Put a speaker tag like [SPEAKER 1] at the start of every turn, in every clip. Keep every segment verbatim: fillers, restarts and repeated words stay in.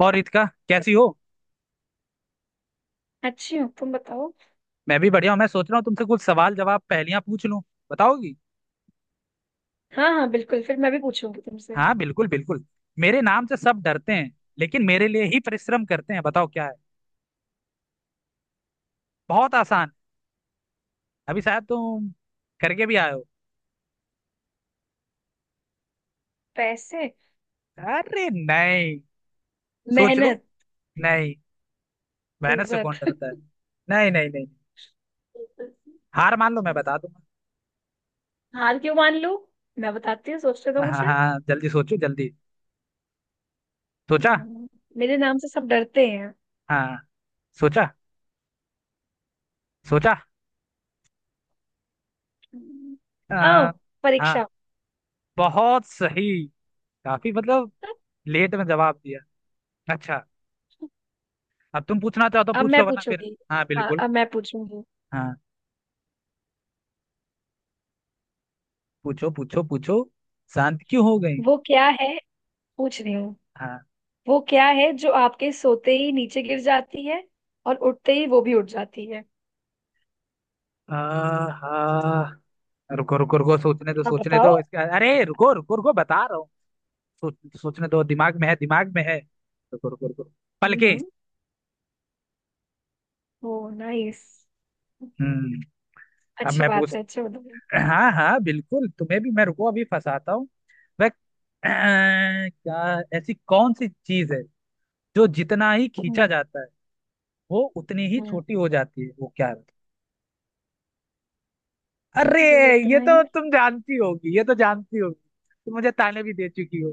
[SPEAKER 1] और रितिका कैसी हो।
[SPEAKER 2] अच्छी हो। तुम बताओ।
[SPEAKER 1] मैं भी बढ़िया हूँ। मैं सोच रहा हूँ तुमसे कुछ सवाल जवाब पहेलियां पूछ लूं, बताओगी?
[SPEAKER 2] हाँ हाँ बिल्कुल, फिर मैं भी पूछूंगी तुमसे।
[SPEAKER 1] हाँ बिल्कुल बिल्कुल। मेरे नाम से सब डरते हैं, लेकिन मेरे लिए ही परिश्रम करते हैं। बताओ क्या है। बहुत आसान। अभी शायद तुम करके भी आए हो।
[SPEAKER 2] पैसे।
[SPEAKER 1] अरे नहीं, सोच लो।
[SPEAKER 2] मेहनत।
[SPEAKER 1] नहीं, मेहनत से कौन
[SPEAKER 2] इज्जत।
[SPEAKER 1] डरता है। नहीं नहीं नहीं, हार मान लो मैं बता दूंगा।
[SPEAKER 2] हार क्यों मान लूं? मैं बताती हूँ, सोचते तो
[SPEAKER 1] हाँ
[SPEAKER 2] मुझे।
[SPEAKER 1] हाँ, जल्दी सोचो जल्दी। सोचा?
[SPEAKER 2] हम्म, मेरे नाम से सब डरते हैं।
[SPEAKER 1] हाँ, सोचा। सोचा।
[SPEAKER 2] हम्म, आओ।
[SPEAKER 1] आ,
[SPEAKER 2] परीक्षा।
[SPEAKER 1] हाँ, बहुत सही। काफी मतलब लेट में जवाब दिया। अच्छा, अब तुम पूछना चाहो तो
[SPEAKER 2] अब
[SPEAKER 1] पूछ लो,
[SPEAKER 2] मैं
[SPEAKER 1] वरना फिर।
[SPEAKER 2] पूछूंगी।
[SPEAKER 1] हाँ
[SPEAKER 2] हाँ
[SPEAKER 1] बिल्कुल।
[SPEAKER 2] अब मैं पूछूंगी।
[SPEAKER 1] हाँ, पूछो पूछो पूछो। शांत क्यों हो गई?
[SPEAKER 2] वो क्या है, पूछ रही हूँ।
[SPEAKER 1] हाँ।
[SPEAKER 2] वो क्या है जो आपके सोते ही नीचे गिर जाती है, और उठते ही वो भी उठ जाती है।
[SPEAKER 1] आ, हाँ, रुको रुको रुको, सोचने दो
[SPEAKER 2] अब
[SPEAKER 1] सोचने
[SPEAKER 2] बताओ।
[SPEAKER 1] दो इसके, अरे रुको रुको रुको बता रहा हूँ। सोच, सोचने दो, दिमाग में है दिमाग में है। रुको रुको रुको। पलके।
[SPEAKER 2] हम्म। ओ नाइस।
[SPEAKER 1] हम्म। अब
[SPEAKER 2] अच्छी
[SPEAKER 1] मैं
[SPEAKER 2] बात
[SPEAKER 1] पूछ,
[SPEAKER 2] है। अच्छा बताओ।
[SPEAKER 1] हाँ हाँ बिल्कुल तुम्हें भी मैं, रुको अभी फंसाता हूँ। वह अह, क्या ऐसी कौन सी चीज है जो जितना ही खींचा जाता है वो उतनी ही
[SPEAKER 2] हम्म
[SPEAKER 1] छोटी हो जाती है, वो क्या है? अरे,
[SPEAKER 2] जो
[SPEAKER 1] ये
[SPEAKER 2] जितना ही
[SPEAKER 1] तो तुम जानती होगी ये तो जानती होगी। तुम मुझे ताने भी दे चुकी हो।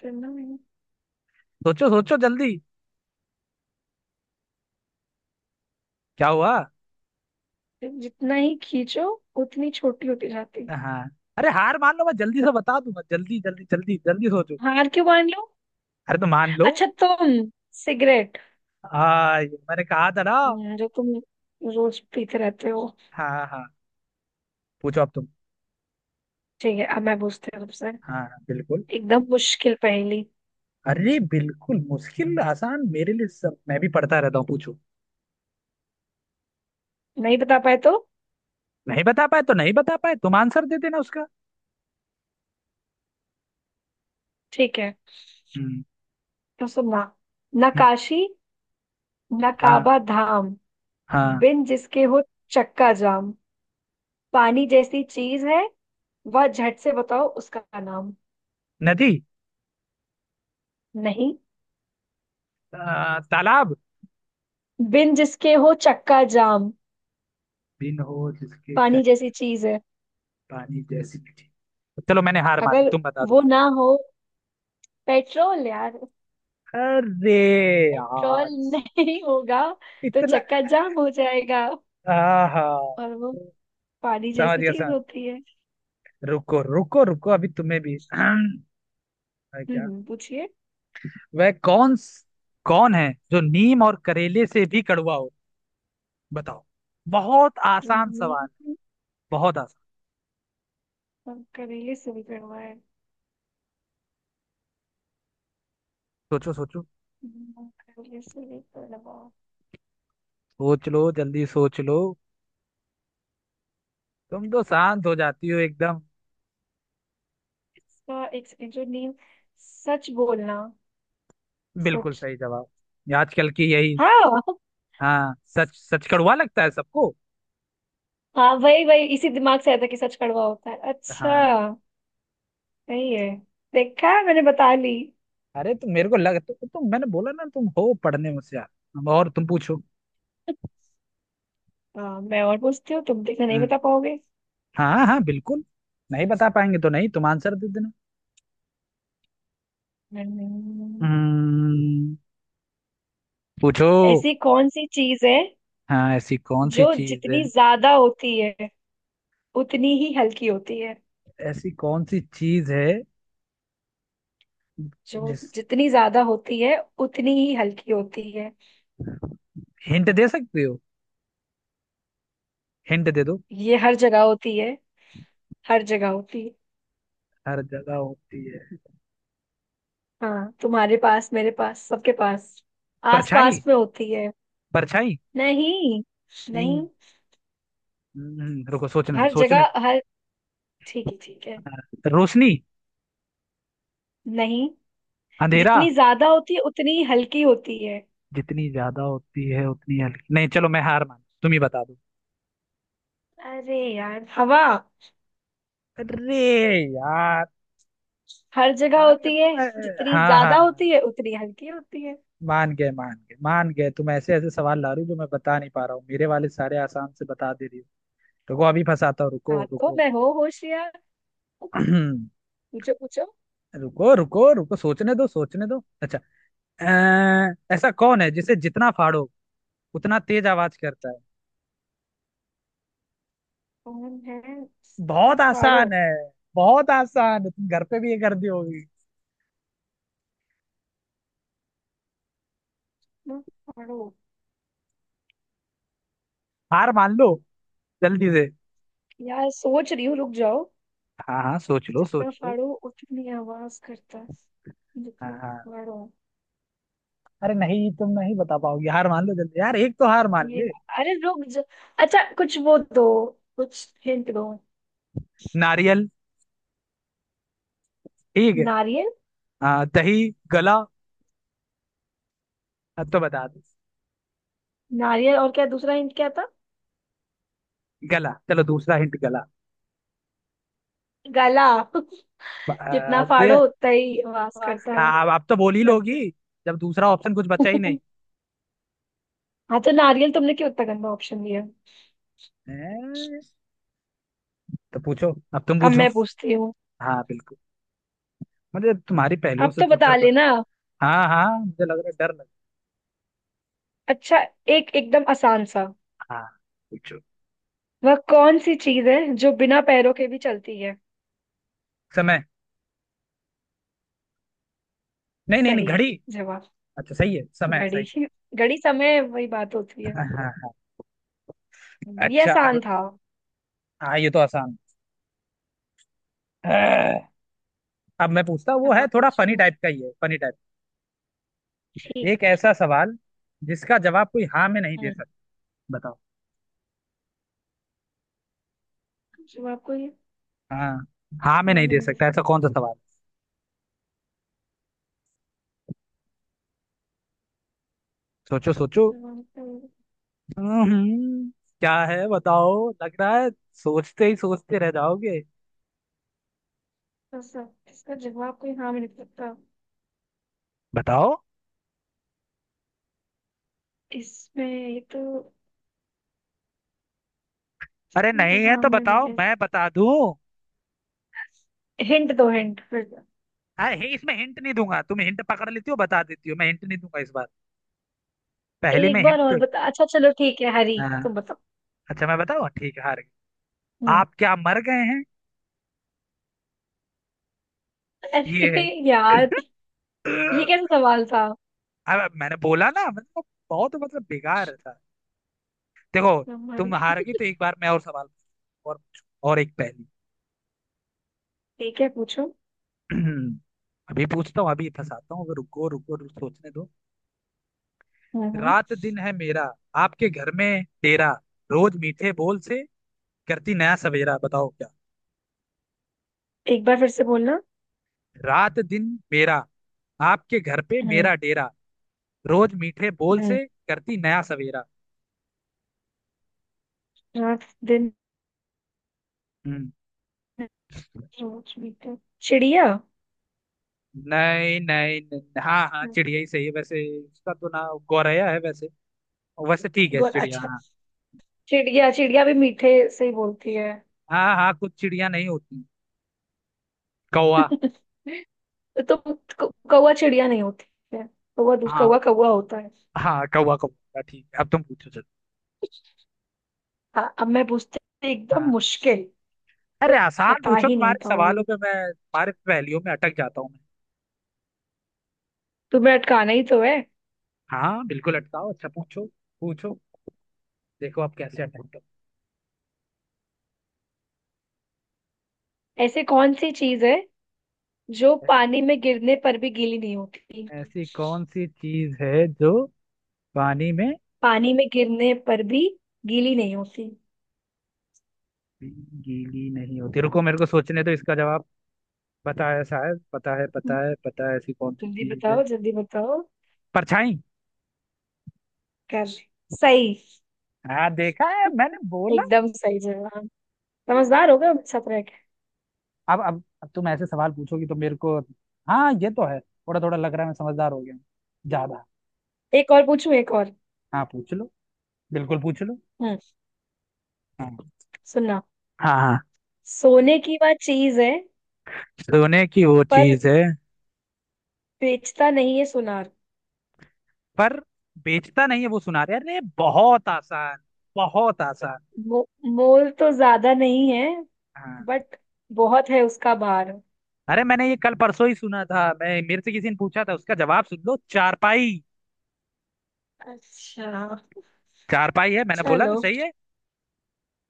[SPEAKER 2] करना नहीं।
[SPEAKER 1] सोचो सोचो जल्दी। क्या हुआ?
[SPEAKER 2] फिर जितना ही खींचो, उतनी छोटी होती जाती।
[SPEAKER 1] हाँ। अरे हार मान लो मैं जल्दी से बता दूंगा, जल्दी जल्दी जल्दी जल्दी सोचो।
[SPEAKER 2] हार क्यों मान लो?
[SPEAKER 1] अरे तो मान लो।
[SPEAKER 2] अच्छा तुम। सिगरेट।
[SPEAKER 1] हाँ, ये मैंने कहा था ना।
[SPEAKER 2] हम्म, जो तुम रोज पीते रहते हो।
[SPEAKER 1] हाँ हाँ। पूछो अब तुम।
[SPEAKER 2] ठीक है अब मैं पूछती हूँ तुमसे।
[SPEAKER 1] हाँ हाँ, बिल्कुल।
[SPEAKER 2] एकदम मुश्किल पहेली।
[SPEAKER 1] अरे बिल्कुल, मुश्किल आसान मेरे लिए सब, मैं भी पढ़ता रहता हूँ। पूछो।
[SPEAKER 2] नहीं बता पाए तो?
[SPEAKER 1] नहीं बता पाए तो नहीं बता पाए, तुम आंसर दे देना उसका।
[SPEAKER 2] ठीक है।
[SPEAKER 1] हम्म।
[SPEAKER 2] तो सुनना।
[SPEAKER 1] हम्म,
[SPEAKER 2] नकाशी
[SPEAKER 1] हाँ
[SPEAKER 2] नकाबा धाम,
[SPEAKER 1] हाँ।
[SPEAKER 2] बिन जिसके हो चक्का जाम, पानी जैसी चीज है, वह झट से बताओ उसका नाम।
[SPEAKER 1] नदी।
[SPEAKER 2] नहीं।
[SPEAKER 1] आ, तालाब।
[SPEAKER 2] बिन जिसके हो चक्का जाम,
[SPEAKER 1] बिन हो जिसके
[SPEAKER 2] पानी
[SPEAKER 1] चक्कर,
[SPEAKER 2] जैसी चीज है।
[SPEAKER 1] पानी जैसी मीठी। चलो मैंने हार मान ली,
[SPEAKER 2] अगर
[SPEAKER 1] तुम बता दो।
[SPEAKER 2] वो ना हो। पेट्रोल यार।
[SPEAKER 1] अरे
[SPEAKER 2] पेट्रोल
[SPEAKER 1] यार,
[SPEAKER 2] नहीं होगा तो
[SPEAKER 1] इतना।
[SPEAKER 2] चक्का जाम हो जाएगा।
[SPEAKER 1] आहा।
[SPEAKER 2] और वो पानी
[SPEAKER 1] समझ
[SPEAKER 2] जैसी
[SPEAKER 1] गया
[SPEAKER 2] चीज
[SPEAKER 1] समझ।
[SPEAKER 2] होती है।
[SPEAKER 1] रुको रुको रुको, अभी तुम्हें भी, अरे। क्या।
[SPEAKER 2] हम्म, पूछिए।
[SPEAKER 1] वह कौन, कौन है जो नीम और करेले से भी कड़वा हो? बताओ। बहुत आसान
[SPEAKER 2] हम्म,
[SPEAKER 1] सवाल। बहुत आसान।
[SPEAKER 2] कंकरेले से भी कड़वा है।
[SPEAKER 1] सोचो सोचो।
[SPEAKER 2] हम्म, कंकरेले से भी कड़वा।
[SPEAKER 1] सोच लो जल्दी सोच लो। तुम तो शांत हो जाती हो एकदम।
[SPEAKER 2] इसका एक सेकंड, जो नीम। सच बोलना।
[SPEAKER 1] बिल्कुल
[SPEAKER 2] सच।
[SPEAKER 1] सही जवाब। ये आजकल की यही।
[SPEAKER 2] हाँ
[SPEAKER 1] हाँ, सच। सच कड़वा लगता है सबको।
[SPEAKER 2] हाँ, वही वही इसी दिमाग से आया था कि सच कड़वा होता है।
[SPEAKER 1] हाँ।
[SPEAKER 2] अच्छा। सही है। देखा मैंने बता ली।
[SPEAKER 1] अरे तो मेरे को लग तो, तो मैंने बोला ना तुम हो पढ़ने में होशियार, और तुम पूछो।
[SPEAKER 2] हाँ मैं और पूछती हूँ, तुम देखना नहीं
[SPEAKER 1] हम्म।
[SPEAKER 2] बता पाओगे।
[SPEAKER 1] हाँ हाँ बिल्कुल। नहीं बता पाएंगे तो नहीं, तुम आंसर दे देना।
[SPEAKER 2] हम्म,
[SPEAKER 1] हम्म। पूछो।
[SPEAKER 2] ऐसी कौन सी चीज है
[SPEAKER 1] हाँ, ऐसी कौन सी
[SPEAKER 2] जो
[SPEAKER 1] चीज है।
[SPEAKER 2] जितनी ज्यादा होती है उतनी ही हल्की होती है?
[SPEAKER 1] ऐसी कौन सी चीज है।
[SPEAKER 2] जो
[SPEAKER 1] जिस,
[SPEAKER 2] जितनी ज्यादा होती है उतनी ही हल्की होती है।
[SPEAKER 1] हिंट दे सकते हो? हिंट दे दो।
[SPEAKER 2] ये हर जगह होती है। हर जगह होती है।
[SPEAKER 1] हर जगह होती है?
[SPEAKER 2] हाँ तुम्हारे पास, मेरे पास, सबके पास। आस
[SPEAKER 1] परछाई।
[SPEAKER 2] पास में होती है।
[SPEAKER 1] परछाई।
[SPEAKER 2] नहीं। नहीं।
[SPEAKER 1] हम्म। हम्म, रुको सोचने दो
[SPEAKER 2] हर
[SPEAKER 1] सोचने
[SPEAKER 2] जगह
[SPEAKER 1] दो।
[SPEAKER 2] हर। ठीक है ठीक है।
[SPEAKER 1] हाँ, रोशनी।
[SPEAKER 2] नहीं,
[SPEAKER 1] अंधेरा।
[SPEAKER 2] जितनी ज्यादा होती है उतनी ही हल्की होती है।
[SPEAKER 1] जितनी ज्यादा होती है उतनी हल्की, नहीं चलो मैं हार मान, तुम ही बता दो।
[SPEAKER 2] अरे यार, हवा।
[SPEAKER 1] अरे यार।
[SPEAKER 2] हर जगह
[SPEAKER 1] मान गए
[SPEAKER 2] होती है।
[SPEAKER 1] तुम, अ,
[SPEAKER 2] जितनी
[SPEAKER 1] हाँ हाँ।
[SPEAKER 2] ज्यादा होती है उतनी हल्की होती है।
[SPEAKER 1] मान गए मान गए मान गए तुम ऐसे ऐसे सवाल ला रही हो जो मैं बता नहीं पा रहा हूँ, मेरे वाले सारे आसान से बता दे रही हो। रुको अभी फंसाता हूँ, रुको
[SPEAKER 2] हाथों
[SPEAKER 1] रुको।
[SPEAKER 2] में हो होशियार। पूछो पूछो।
[SPEAKER 1] रुको रुको रुको, सोचने दो सोचने दो। अच्छा, अ, ऐसा कौन है जिसे जितना फाड़ो उतना तेज आवाज करता है।
[SPEAKER 2] कौन है? जितना
[SPEAKER 1] बहुत
[SPEAKER 2] फाड़ो
[SPEAKER 1] आसान है। बहुत आसान है, तुम घर पे भी ये कर दी होगी।
[SPEAKER 2] उतना फाड़ो?
[SPEAKER 1] हार मान लो जल्दी से।
[SPEAKER 2] यार सोच रही हूँ, रुक जाओ।
[SPEAKER 1] हाँ हाँ सोच लो
[SPEAKER 2] जितना
[SPEAKER 1] सोच लो।
[SPEAKER 2] फाड़ो उतनी आवाज करता है।
[SPEAKER 1] हाँ
[SPEAKER 2] जितना
[SPEAKER 1] हाँ।
[SPEAKER 2] फाड़ो।
[SPEAKER 1] अरे नहीं, तुम नहीं बता पाओगे, हार मान लो जल्दी यार, एक तो हार मान
[SPEAKER 2] ये,
[SPEAKER 1] ले।
[SPEAKER 2] अरे रुक जा। अच्छा कुछ वो दो, कुछ हिंट दो।
[SPEAKER 1] नारियल। ठीक है।
[SPEAKER 2] नारियल।
[SPEAKER 1] आ, दही। गला। अब तो बता दो।
[SPEAKER 2] नारियल और क्या दूसरा हिंट क्या था?
[SPEAKER 1] गला, चलो दूसरा हिंट गला।
[SPEAKER 2] गला जितना
[SPEAKER 1] आ, दे।
[SPEAKER 2] फाड़ो उतना ही आवाज करता है।
[SPEAKER 1] आ, अब आप तो बोल ही
[SPEAKER 2] गला
[SPEAKER 1] लोगी, जब दूसरा ऑप्शन कुछ बचा ही नहीं।
[SPEAKER 2] हाँ तो नारियल तुमने क्यों इतना गंदा ऑप्शन दिया?
[SPEAKER 1] हैं? तो पूछो, अब तुम
[SPEAKER 2] अब
[SPEAKER 1] पूछो।
[SPEAKER 2] मैं पूछती हूँ।
[SPEAKER 1] हाँ बिल्कुल। मुझे तुम्हारी पहेलियों
[SPEAKER 2] अब
[SPEAKER 1] से
[SPEAKER 2] तो
[SPEAKER 1] तो
[SPEAKER 2] बता
[SPEAKER 1] डर लग।
[SPEAKER 2] लेना।
[SPEAKER 1] हाँ हाँ, मुझे लग रहा है डर लग।
[SPEAKER 2] अच्छा एक एकदम आसान सा।
[SPEAKER 1] हाँ, पूछो।
[SPEAKER 2] वह कौन सी चीज है जो बिना पैरों के भी चलती है?
[SPEAKER 1] समय। नहीं नहीं नहीं,
[SPEAKER 2] सही
[SPEAKER 1] घड़ी।
[SPEAKER 2] जवाब।
[SPEAKER 1] अच्छा, सही है, समय सही
[SPEAKER 2] घड़ी।
[SPEAKER 1] है।
[SPEAKER 2] घड़ी समय वही बात होती है।
[SPEAKER 1] हाँ हाँ हाँ।
[SPEAKER 2] ये
[SPEAKER 1] अच्छा अब।
[SPEAKER 2] आसान था।
[SPEAKER 1] हाँ ये तो आसान है। अब मैं पूछता हूँ, वो
[SPEAKER 2] अब
[SPEAKER 1] है
[SPEAKER 2] आप
[SPEAKER 1] थोड़ा फनी
[SPEAKER 2] पूछिए।
[SPEAKER 1] टाइप का ही है, फनी टाइप। एक
[SPEAKER 2] ठीक है।
[SPEAKER 1] ऐसा सवाल जिसका जवाब कोई हाँ में नहीं दे
[SPEAKER 2] हम्म।
[SPEAKER 1] सकता। बताओ।
[SPEAKER 2] जवाब कोई
[SPEAKER 1] हाँ, हाँ में
[SPEAKER 2] हाँ
[SPEAKER 1] नहीं
[SPEAKER 2] में
[SPEAKER 1] दे
[SPEAKER 2] नहीं दे
[SPEAKER 1] सकता,
[SPEAKER 2] सकता।
[SPEAKER 1] ऐसा कौन सा सवाल? सोचो सोचो।
[SPEAKER 2] जवाब कोई-
[SPEAKER 1] हम्म, क्या है बताओ, लग रहा है सोचते ही सोचते रह जाओगे।
[SPEAKER 2] ऐसा- इसका जवाब कोई हाँ में नहीं दे सकता।
[SPEAKER 1] बताओ।
[SPEAKER 2] इसमें ये तो
[SPEAKER 1] अरे
[SPEAKER 2] इसमें
[SPEAKER 1] नहीं है
[SPEAKER 2] हाँ
[SPEAKER 1] तो
[SPEAKER 2] में नहीं
[SPEAKER 1] बताओ,
[SPEAKER 2] दे
[SPEAKER 1] मैं बता दूं।
[SPEAKER 2] सकता। हिंट दो हिंट फिर।
[SPEAKER 1] अरे इसमें हिंट नहीं दूंगा, तुम हिंट पकड़ लेती हो बता देती हो, मैं हिंट नहीं दूंगा इस बार। पहली में
[SPEAKER 2] एक
[SPEAKER 1] हिंट
[SPEAKER 2] बार और
[SPEAKER 1] तो।
[SPEAKER 2] बता। अच्छा चलो ठीक है, हरी
[SPEAKER 1] हाँ।
[SPEAKER 2] तुम बताओ।
[SPEAKER 1] अच्छा, मैं बताऊँ, ठीक है हार गए?
[SPEAKER 2] हम्म।
[SPEAKER 1] आप क्या मर गए हैं?
[SPEAKER 2] अरे
[SPEAKER 1] ये
[SPEAKER 2] यार, ये
[SPEAKER 1] है।
[SPEAKER 2] कैसा सवाल था?
[SPEAKER 1] अब मैंने बोला ना, मतलब बहुत मतलब बेकार था। देखो।
[SPEAKER 2] हमारे।
[SPEAKER 1] तुम हार गई, तो एक बार मैं और सवाल पूछूं, और पूछूं, और एक पहेली।
[SPEAKER 2] ठीक है पूछो।
[SPEAKER 1] अभी पूछता हूँ, अभी फंसाता हूँ, रुको रुको रुको सोचने दो।
[SPEAKER 2] हम्म हम्म।
[SPEAKER 1] रात दिन है मेरा, आपके घर में डेरा, रोज मीठे बोल से करती नया सवेरा। बताओ क्या।
[SPEAKER 2] एक बार फिर से बोलना।
[SPEAKER 1] रात दिन मेरा, आपके घर पे
[SPEAKER 2] हम्म
[SPEAKER 1] मेरा डेरा। रोज मीठे बोल
[SPEAKER 2] हम्म।
[SPEAKER 1] से करती नया सवेरा।
[SPEAKER 2] रात दिन।
[SPEAKER 1] हम्म,
[SPEAKER 2] रोज मीठे। चिड़िया।
[SPEAKER 1] नहीं नहीं नहीं, हाँ हाँ, चिड़िया ही सही है वैसे, उसका तो नाम गौरैया है वैसे। वैसे ठीक है,
[SPEAKER 2] गोल
[SPEAKER 1] चिड़िया,
[SPEAKER 2] अच्छा।
[SPEAKER 1] हाँ।
[SPEAKER 2] चिड़िया, चिड़िया भी मीठे से ही बोलती है।
[SPEAKER 1] हाँ हाँ, कुछ चिड़िया नहीं होती। कौवा।
[SPEAKER 2] तो तुम, क- कौवा चिड़िया नहीं होती है? कौवा दूध, कौवा
[SPEAKER 1] हाँ
[SPEAKER 2] कौवा होता है।
[SPEAKER 1] हाँ, कौवा कौवा ठीक है। अब तुम पूछो चलो।
[SPEAKER 2] हाँ अब मैं पूछती हूँ, एकदम
[SPEAKER 1] हाँ।
[SPEAKER 2] मुश्किल।
[SPEAKER 1] अरे
[SPEAKER 2] तुम
[SPEAKER 1] आसान
[SPEAKER 2] बता
[SPEAKER 1] पूछो,
[SPEAKER 2] ही नहीं
[SPEAKER 1] तुम्हारे
[SPEAKER 2] पाओगे।
[SPEAKER 1] सवालों पे मैं, तुम्हारे पहेलियों में अटक जाता हूँ मैं।
[SPEAKER 2] तुम्हें अटकाना ही तो है।
[SPEAKER 1] हाँ बिल्कुल अटकाओ, अच्छा पूछो पूछो। देखो आप कैसे अटकते
[SPEAKER 2] ऐसे कौन सी चीज है जो
[SPEAKER 1] हो।
[SPEAKER 2] पानी में गिरने पर भी गीली नहीं होती?
[SPEAKER 1] ऐसी कौन सी चीज है जो पानी में
[SPEAKER 2] पानी में गिरने पर भी गीली नहीं होती।
[SPEAKER 1] गीली नहीं होती? रुको मेरे को सोचने दो इसका जवाब, पता है शायद, पता है
[SPEAKER 2] हम्म,
[SPEAKER 1] पता है पता है। ऐसी कौन सी
[SPEAKER 2] जल्दी
[SPEAKER 1] चीज है।
[SPEAKER 2] बताओ जल्दी बताओ।
[SPEAKER 1] परछाई।
[SPEAKER 2] कर। सही।
[SPEAKER 1] हाँ देखा, है मैंने बोला।
[SPEAKER 2] एकदम सही जवाब। समझदार हो गए हो मेरे साथ रह के।
[SPEAKER 1] अब अब अब तुम ऐसे सवाल पूछोगी तो मेरे को। हाँ ये तो है, थोड़ा थोड़ा लग रहा है मैं समझदार हो गया हूँ, ज्यादा।
[SPEAKER 2] एक और पूछूं, एक और।
[SPEAKER 1] हाँ, पूछ लो, बिल्कुल पूछ लो।
[SPEAKER 2] हम्म।
[SPEAKER 1] हाँ।
[SPEAKER 2] सुनना।
[SPEAKER 1] हाँ। हाँ
[SPEAKER 2] सोने की वह चीज है,
[SPEAKER 1] सोने की वो
[SPEAKER 2] पर
[SPEAKER 1] चीज है,
[SPEAKER 2] बेचता नहीं है सुनार।
[SPEAKER 1] पर बेचता नहीं है वो सुनार। यार ये बहुत आसान, बहुत आसान।
[SPEAKER 2] मो, मोल तो ज्यादा नहीं है,
[SPEAKER 1] हाँ।
[SPEAKER 2] बट बहुत है उसका भार।
[SPEAKER 1] अरे मैंने ये कल परसों ही सुना था, मैं मेरे से किसी ने पूछा था उसका जवाब, सुन लो, चारपाई।
[SPEAKER 2] अच्छा।
[SPEAKER 1] चारपाई है, मैंने बोला ना,
[SPEAKER 2] चलो
[SPEAKER 1] सही है।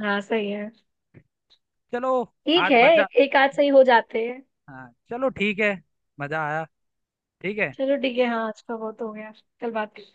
[SPEAKER 2] हाँ सही है।
[SPEAKER 1] चलो।
[SPEAKER 2] ठीक
[SPEAKER 1] आज
[SPEAKER 2] है,
[SPEAKER 1] मजा,
[SPEAKER 2] एक, एक आध सही हो जाते हैं।
[SPEAKER 1] हाँ चलो ठीक है, मजा आया। ठीक है।
[SPEAKER 2] चलो ठीक है, हाँ आज का बहुत हो गया। कल बात।